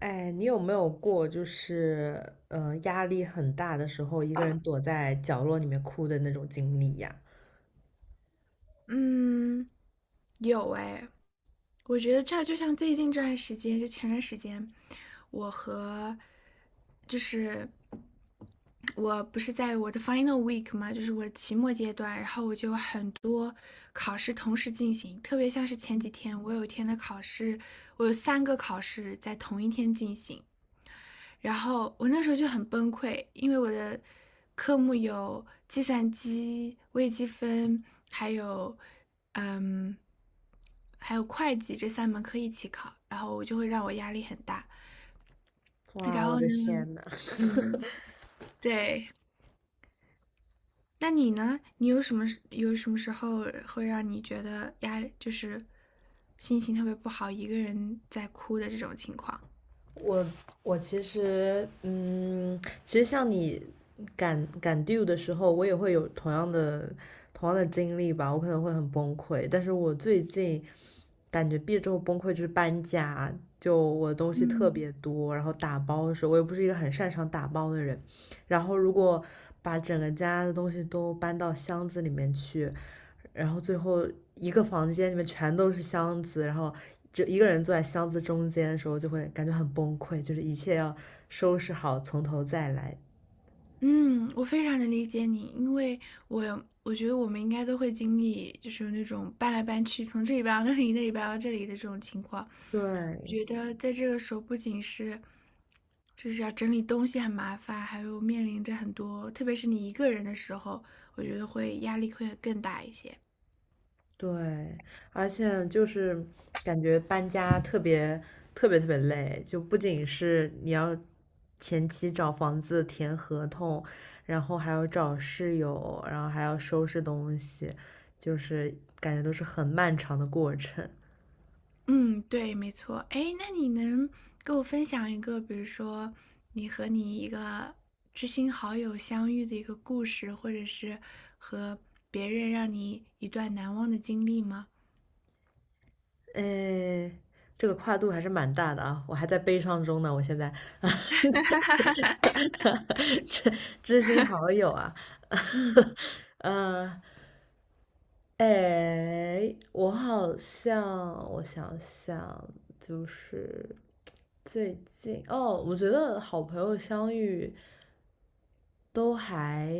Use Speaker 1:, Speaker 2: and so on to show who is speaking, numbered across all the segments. Speaker 1: 哎，你有没有过就是压力很大的时候，一个人躲在角落里面哭的那种经历呀？
Speaker 2: 嗯，有哎，我觉得这就像最近这段时间，就前段时间，我和就是我不是在我的 final week 嘛，就是我的期末阶段，然后我就有很多考试同时进行，特别像是前几天，我有一天的考试，我有三个考试在同一天进行，然后我那时候就很崩溃，因为我的科目有计算机、微积分，还有嗯，还有会计这三门课一起考，然后我就会让我压力很大。然
Speaker 1: 哇，我
Speaker 2: 后
Speaker 1: 的
Speaker 2: 呢，
Speaker 1: 天呐！
Speaker 2: 嗯，对。那你呢？你有什么时候会让你觉得压力就是心情特别不好，一个人在哭的这种情况？
Speaker 1: 我我其实其实像你赶 due 的时候，我也会有同样的经历吧，我可能会很崩溃。但是我最近感觉毕业之后崩溃就是搬家，就我的东西特
Speaker 2: 嗯
Speaker 1: 别多，然后打包的时候我又不是一个很擅长打包的人，然后如果把整个家的东西都搬到箱子里面去，然后最后一个房间里面全都是箱子，然后就一个人坐在箱子中间的时候就会感觉很崩溃，就是一切要收拾好，从头再来。
Speaker 2: 嗯，我非常的理解你，因为我觉得我们应该都会经历，就是有那种搬来搬去，从这里搬到那里，那里搬到这里的这种情况。我
Speaker 1: 对
Speaker 2: 觉得在这个时候，不仅是就是要整理东西很麻烦，还有面临着很多，特别是你一个人的时候，我觉得会压力会更大一些。
Speaker 1: 对，而且就是感觉搬家特别特别特别累，就不仅是你要前期找房子、填合同，然后还要找室友，然后还要收拾东西，就是感觉都是很漫长的过程。
Speaker 2: 嗯，对，没错。哎，那你能给我分享一个，比如说你和你一个知心好友相遇的一个故事，或者是和别人让你一段难忘的经历吗？
Speaker 1: 诶，这个跨度还是蛮大的啊，我还在悲伤中呢。我现在，知知心好友啊，
Speaker 2: 嗯
Speaker 1: 嗯、哎，我好像，我想想，就是最近哦，我觉得好朋友相遇都还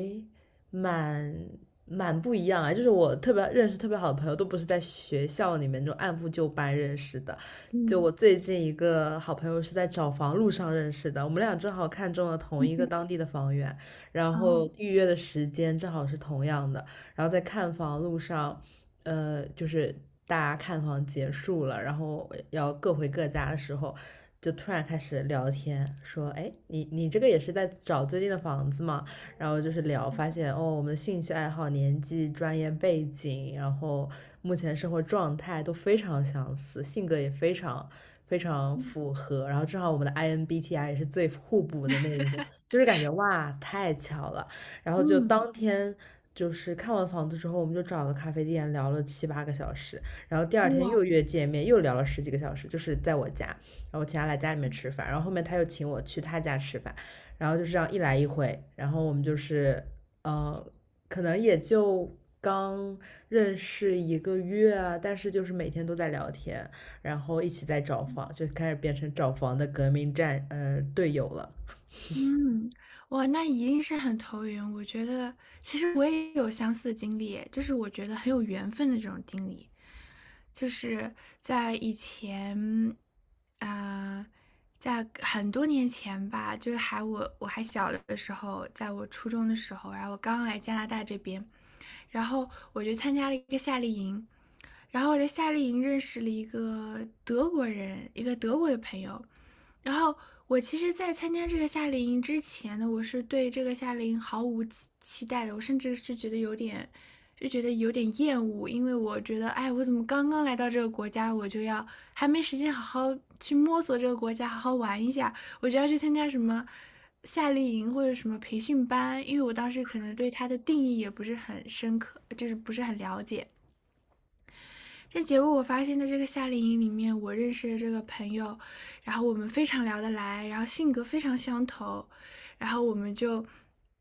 Speaker 1: 蛮蛮不一样啊，就是我特别认识特别好的朋友，都不是在学校里面那种按部就班认识的。就我
Speaker 2: 嗯，
Speaker 1: 最近一个好朋友是在找房路上认识的，我们俩正好看中了同一个当地的房源，然
Speaker 2: 好，
Speaker 1: 后预约的时间正好是同样的，然后在看房路上。就是大家看房结束了，然后要各回各家的时候，就突然开始聊天，说，哎，你这个也是在找最近的房子吗？然后就是聊，发现哦，我们的兴趣爱好、年纪、专业背景，然后目前生活状态都非常相似，性格也非常。非常符合，然后正好我们的 INBTI 也是最互补的那一种，就是感觉哇，太巧了。然后就
Speaker 2: 嗯，
Speaker 1: 当天就是看完房子之后，我们就找个咖啡店聊了7、8个小时，然后第二天
Speaker 2: 哇。
Speaker 1: 又约见面，又聊了10几个小时，就是在我家，然后请他来家里面吃饭，然后后面他又请我去他家吃饭，然后就这样一来一回，然后我们就是呃，可能也就刚认识1个月啊，但是就是每天都在聊天，然后一起在找房，就开始变成找房的革命队友了。
Speaker 2: 嗯，哇，那一定是很投缘。我觉得其实我也有相似的经历，就是我觉得很有缘分的这种经历，就是在以前，啊、在很多年前吧，就是我还小的时候，在我初中的时候，然后我刚来加拿大这边，然后我就参加了一个夏令营，然后我在夏令营认识了一个德国人，一个德国的朋友。然后我其实，在参加这个夏令营之前呢，我是对这个夏令营毫无期待的，我甚至是觉得有点，就觉得有点厌恶，因为我觉得，哎，我怎么刚刚来到这个国家，我就要还没时间好好去摸索这个国家，好好玩一下，我就要去参加什么夏令营或者什么培训班，因为我当时可能对它的定义也不是很深刻，就是不是很了解。这结果我发现在这个夏令营里面，我认识的这个朋友，然后我们非常聊得来，然后性格非常相投，然后我们就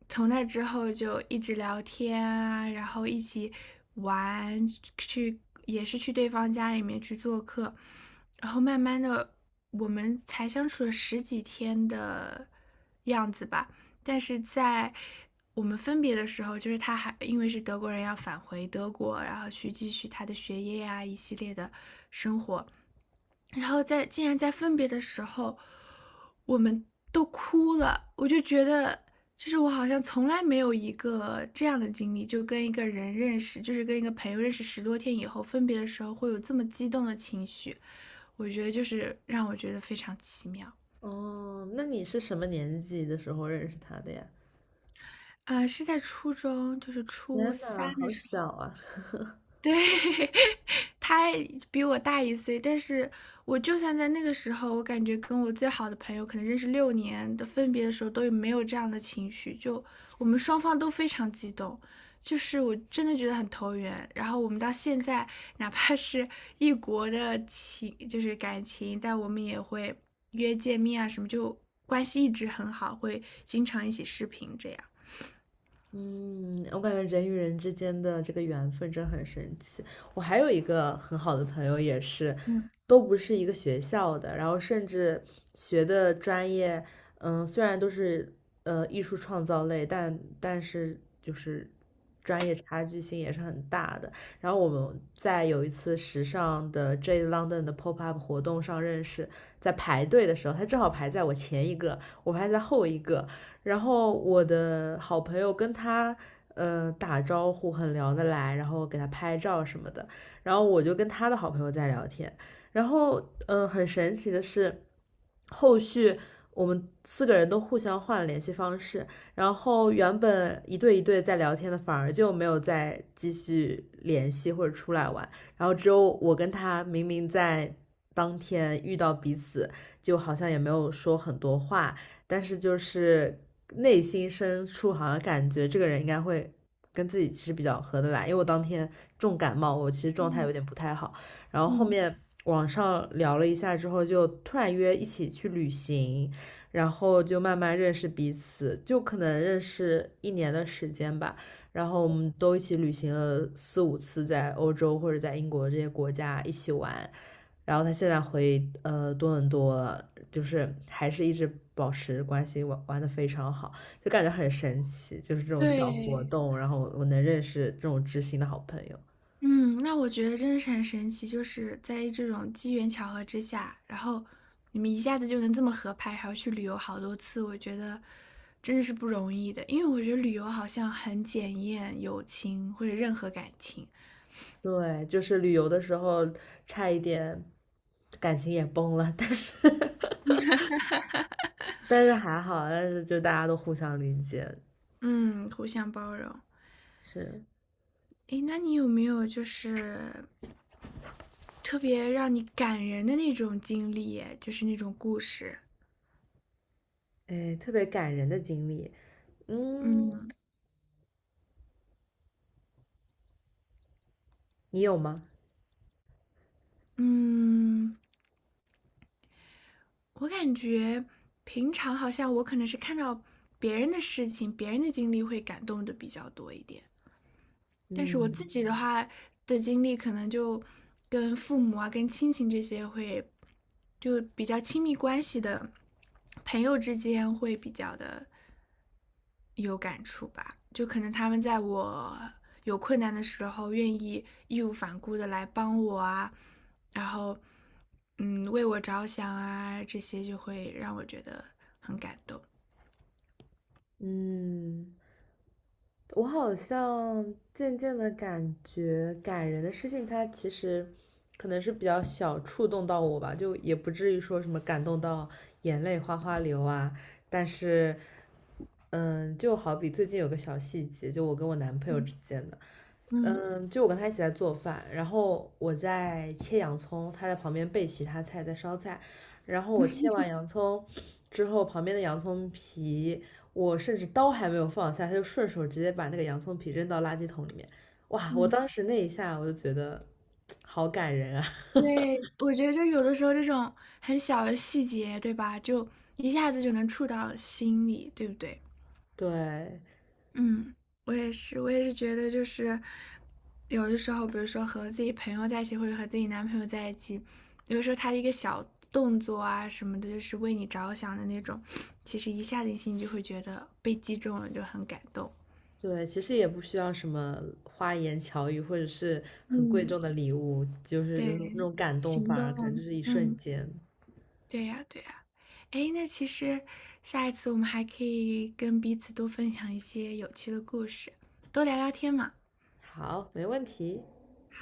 Speaker 2: 从那之后就一直聊天啊，然后一起玩，去也是去对方家里面去做客，然后慢慢的我们才相处了十几天的样子吧，但是在我们分别的时候，就是他还因为是德国人要返回德国，然后去继续他的学业呀、一系列的生活。然后在竟然在分别的时候，我们都哭了，我就觉得。就是我好像从来没有一个这样的经历，就跟一个人认识，就是跟一个朋友认识十多天以后分别的时候，会有这么激动的情绪。我觉得就是让我觉得非常奇妙。
Speaker 1: 哦，那你是什么年纪的时候认识他的呀？
Speaker 2: 啊！是在初中，就是初
Speaker 1: 天呐，
Speaker 2: 三
Speaker 1: 好
Speaker 2: 的时候，
Speaker 1: 小啊！
Speaker 2: 对，他比我大一岁，但是我就算在那个时候，我感觉跟我最好的朋友，可能认识六年的分别的时候，都没有这样的情绪，就我们双方都非常激动，就是我真的觉得很投缘。然后我们到现在，哪怕是异国的情，就是感情，但我们也会约见面啊什么，就关系一直很好，会经常一起视频这样。
Speaker 1: 嗯，我感觉人与人之间的这个缘分真很神奇。我还有一个很好的朋友，也是，
Speaker 2: 嗯
Speaker 1: 都不是一个学校的，然后甚至学的专业，嗯，虽然都是艺术创造类，但是就是专业差距性也是很大的。然后我们在有一次时尚的 J London 的 Pop Up 活动上认识，在排队的时候，他正好排在我前一个，我排在后一个，然后我的好朋友跟他打招呼很聊得来，然后给他拍照什么的，然后我就跟他的好朋友在聊天，然后很神奇的是，后续我们四个人都互相换了联系方式，然后原本一对一对在聊天的反而就没有再继续联系或者出来玩，然后只有我跟他明明在当天遇到彼此，就好像也没有说很多话，但是就是内心深处好像感觉这个人应该会跟自己其实比较合得来，因为我当天重感冒，我其实状态有
Speaker 2: 嗯。
Speaker 1: 点不太好，然后后
Speaker 2: 嗯，
Speaker 1: 面网上聊了一下之后，就突然约一起去旅行，然后就慢慢认识彼此，就可能认识1年的时间吧。然后我们都一起旅行了4、5次，在欧洲或者在英国这些国家一起玩，然后他现在回多伦多了，就是还是一直保持关系，玩玩的非常好，就感觉很神奇，就是这种小活
Speaker 2: 对，
Speaker 1: 动，然后我能认识这种知心的好朋友。
Speaker 2: 嗯，那我觉得真的是很神奇，就是在这种机缘巧合之下，然后你们一下子就能这么合拍，还要去旅游好多次，我觉得真的是不容易的。因为我觉得旅游好像很检验友情或者任何感情，
Speaker 1: 对，就是旅游的时候差一点感情也崩了，但是 但是还好，但是就大家都互相理解，
Speaker 2: 嗯，互相包容。
Speaker 1: 是，
Speaker 2: 诶，那你有没有就是特别让你感人的那种经历耶就是那种故事？
Speaker 1: 哎，特别感人的经历。嗯，
Speaker 2: 嗯
Speaker 1: 你有吗？
Speaker 2: 嗯。我感觉平常好像我可能是看到别人的事情、别人的经历会感动的比较多一点。但是我自
Speaker 1: 嗯
Speaker 2: 己的话的经历，可能就跟父母啊、跟亲情这些会，就比较亲密关系的朋友之间会比较的有感触吧。就可能他们在我有困难的时候，愿意义无反顾的来帮我啊，然后为我着想啊，这些就会让我觉得很感动。
Speaker 1: 嗯。我好像渐渐的感觉，感人的事情，它其实可能是比较小触动到我吧，就也不至于说什么感动到眼泪哗哗流啊。但是，嗯，就好比最近有个小细节，就我跟我男朋友
Speaker 2: 嗯
Speaker 1: 之间的，
Speaker 2: 嗯
Speaker 1: 嗯，就我跟他一起在做饭，然后我在切洋葱，他在旁边备其他菜，在烧菜。然后我切完洋葱之后，旁边的洋葱皮，我甚至刀还没有放下，他就顺手直接把那个洋葱皮扔到垃圾桶里面。哇，我
Speaker 2: 嗯。
Speaker 1: 当时那一下我就觉得 好感人啊！
Speaker 2: 对，我觉得就有的时候这种很小的细节，对吧？就一下子就能触到心里，对不对？
Speaker 1: 对
Speaker 2: 嗯，我也是，我也是觉得就是有的时候，比如说和自己朋友在一起，或者和自己男朋友在一起，有的时候他的一个小动作啊什么的，就是为你着想的那种，其实一下子你心里就会觉得被击中了，就很感动。
Speaker 1: 对，其实也不需要什么花言巧语，或者是很贵
Speaker 2: 嗯，
Speaker 1: 重的礼物，就是有那种
Speaker 2: 对，
Speaker 1: 感动，
Speaker 2: 行
Speaker 1: 反而可能就
Speaker 2: 动，
Speaker 1: 是一瞬
Speaker 2: 嗯。
Speaker 1: 间。
Speaker 2: 对呀，对呀。哎，那其实下一次我们还可以跟彼此多分享一些有趣的故事，多聊聊天嘛。
Speaker 1: 好，没问题。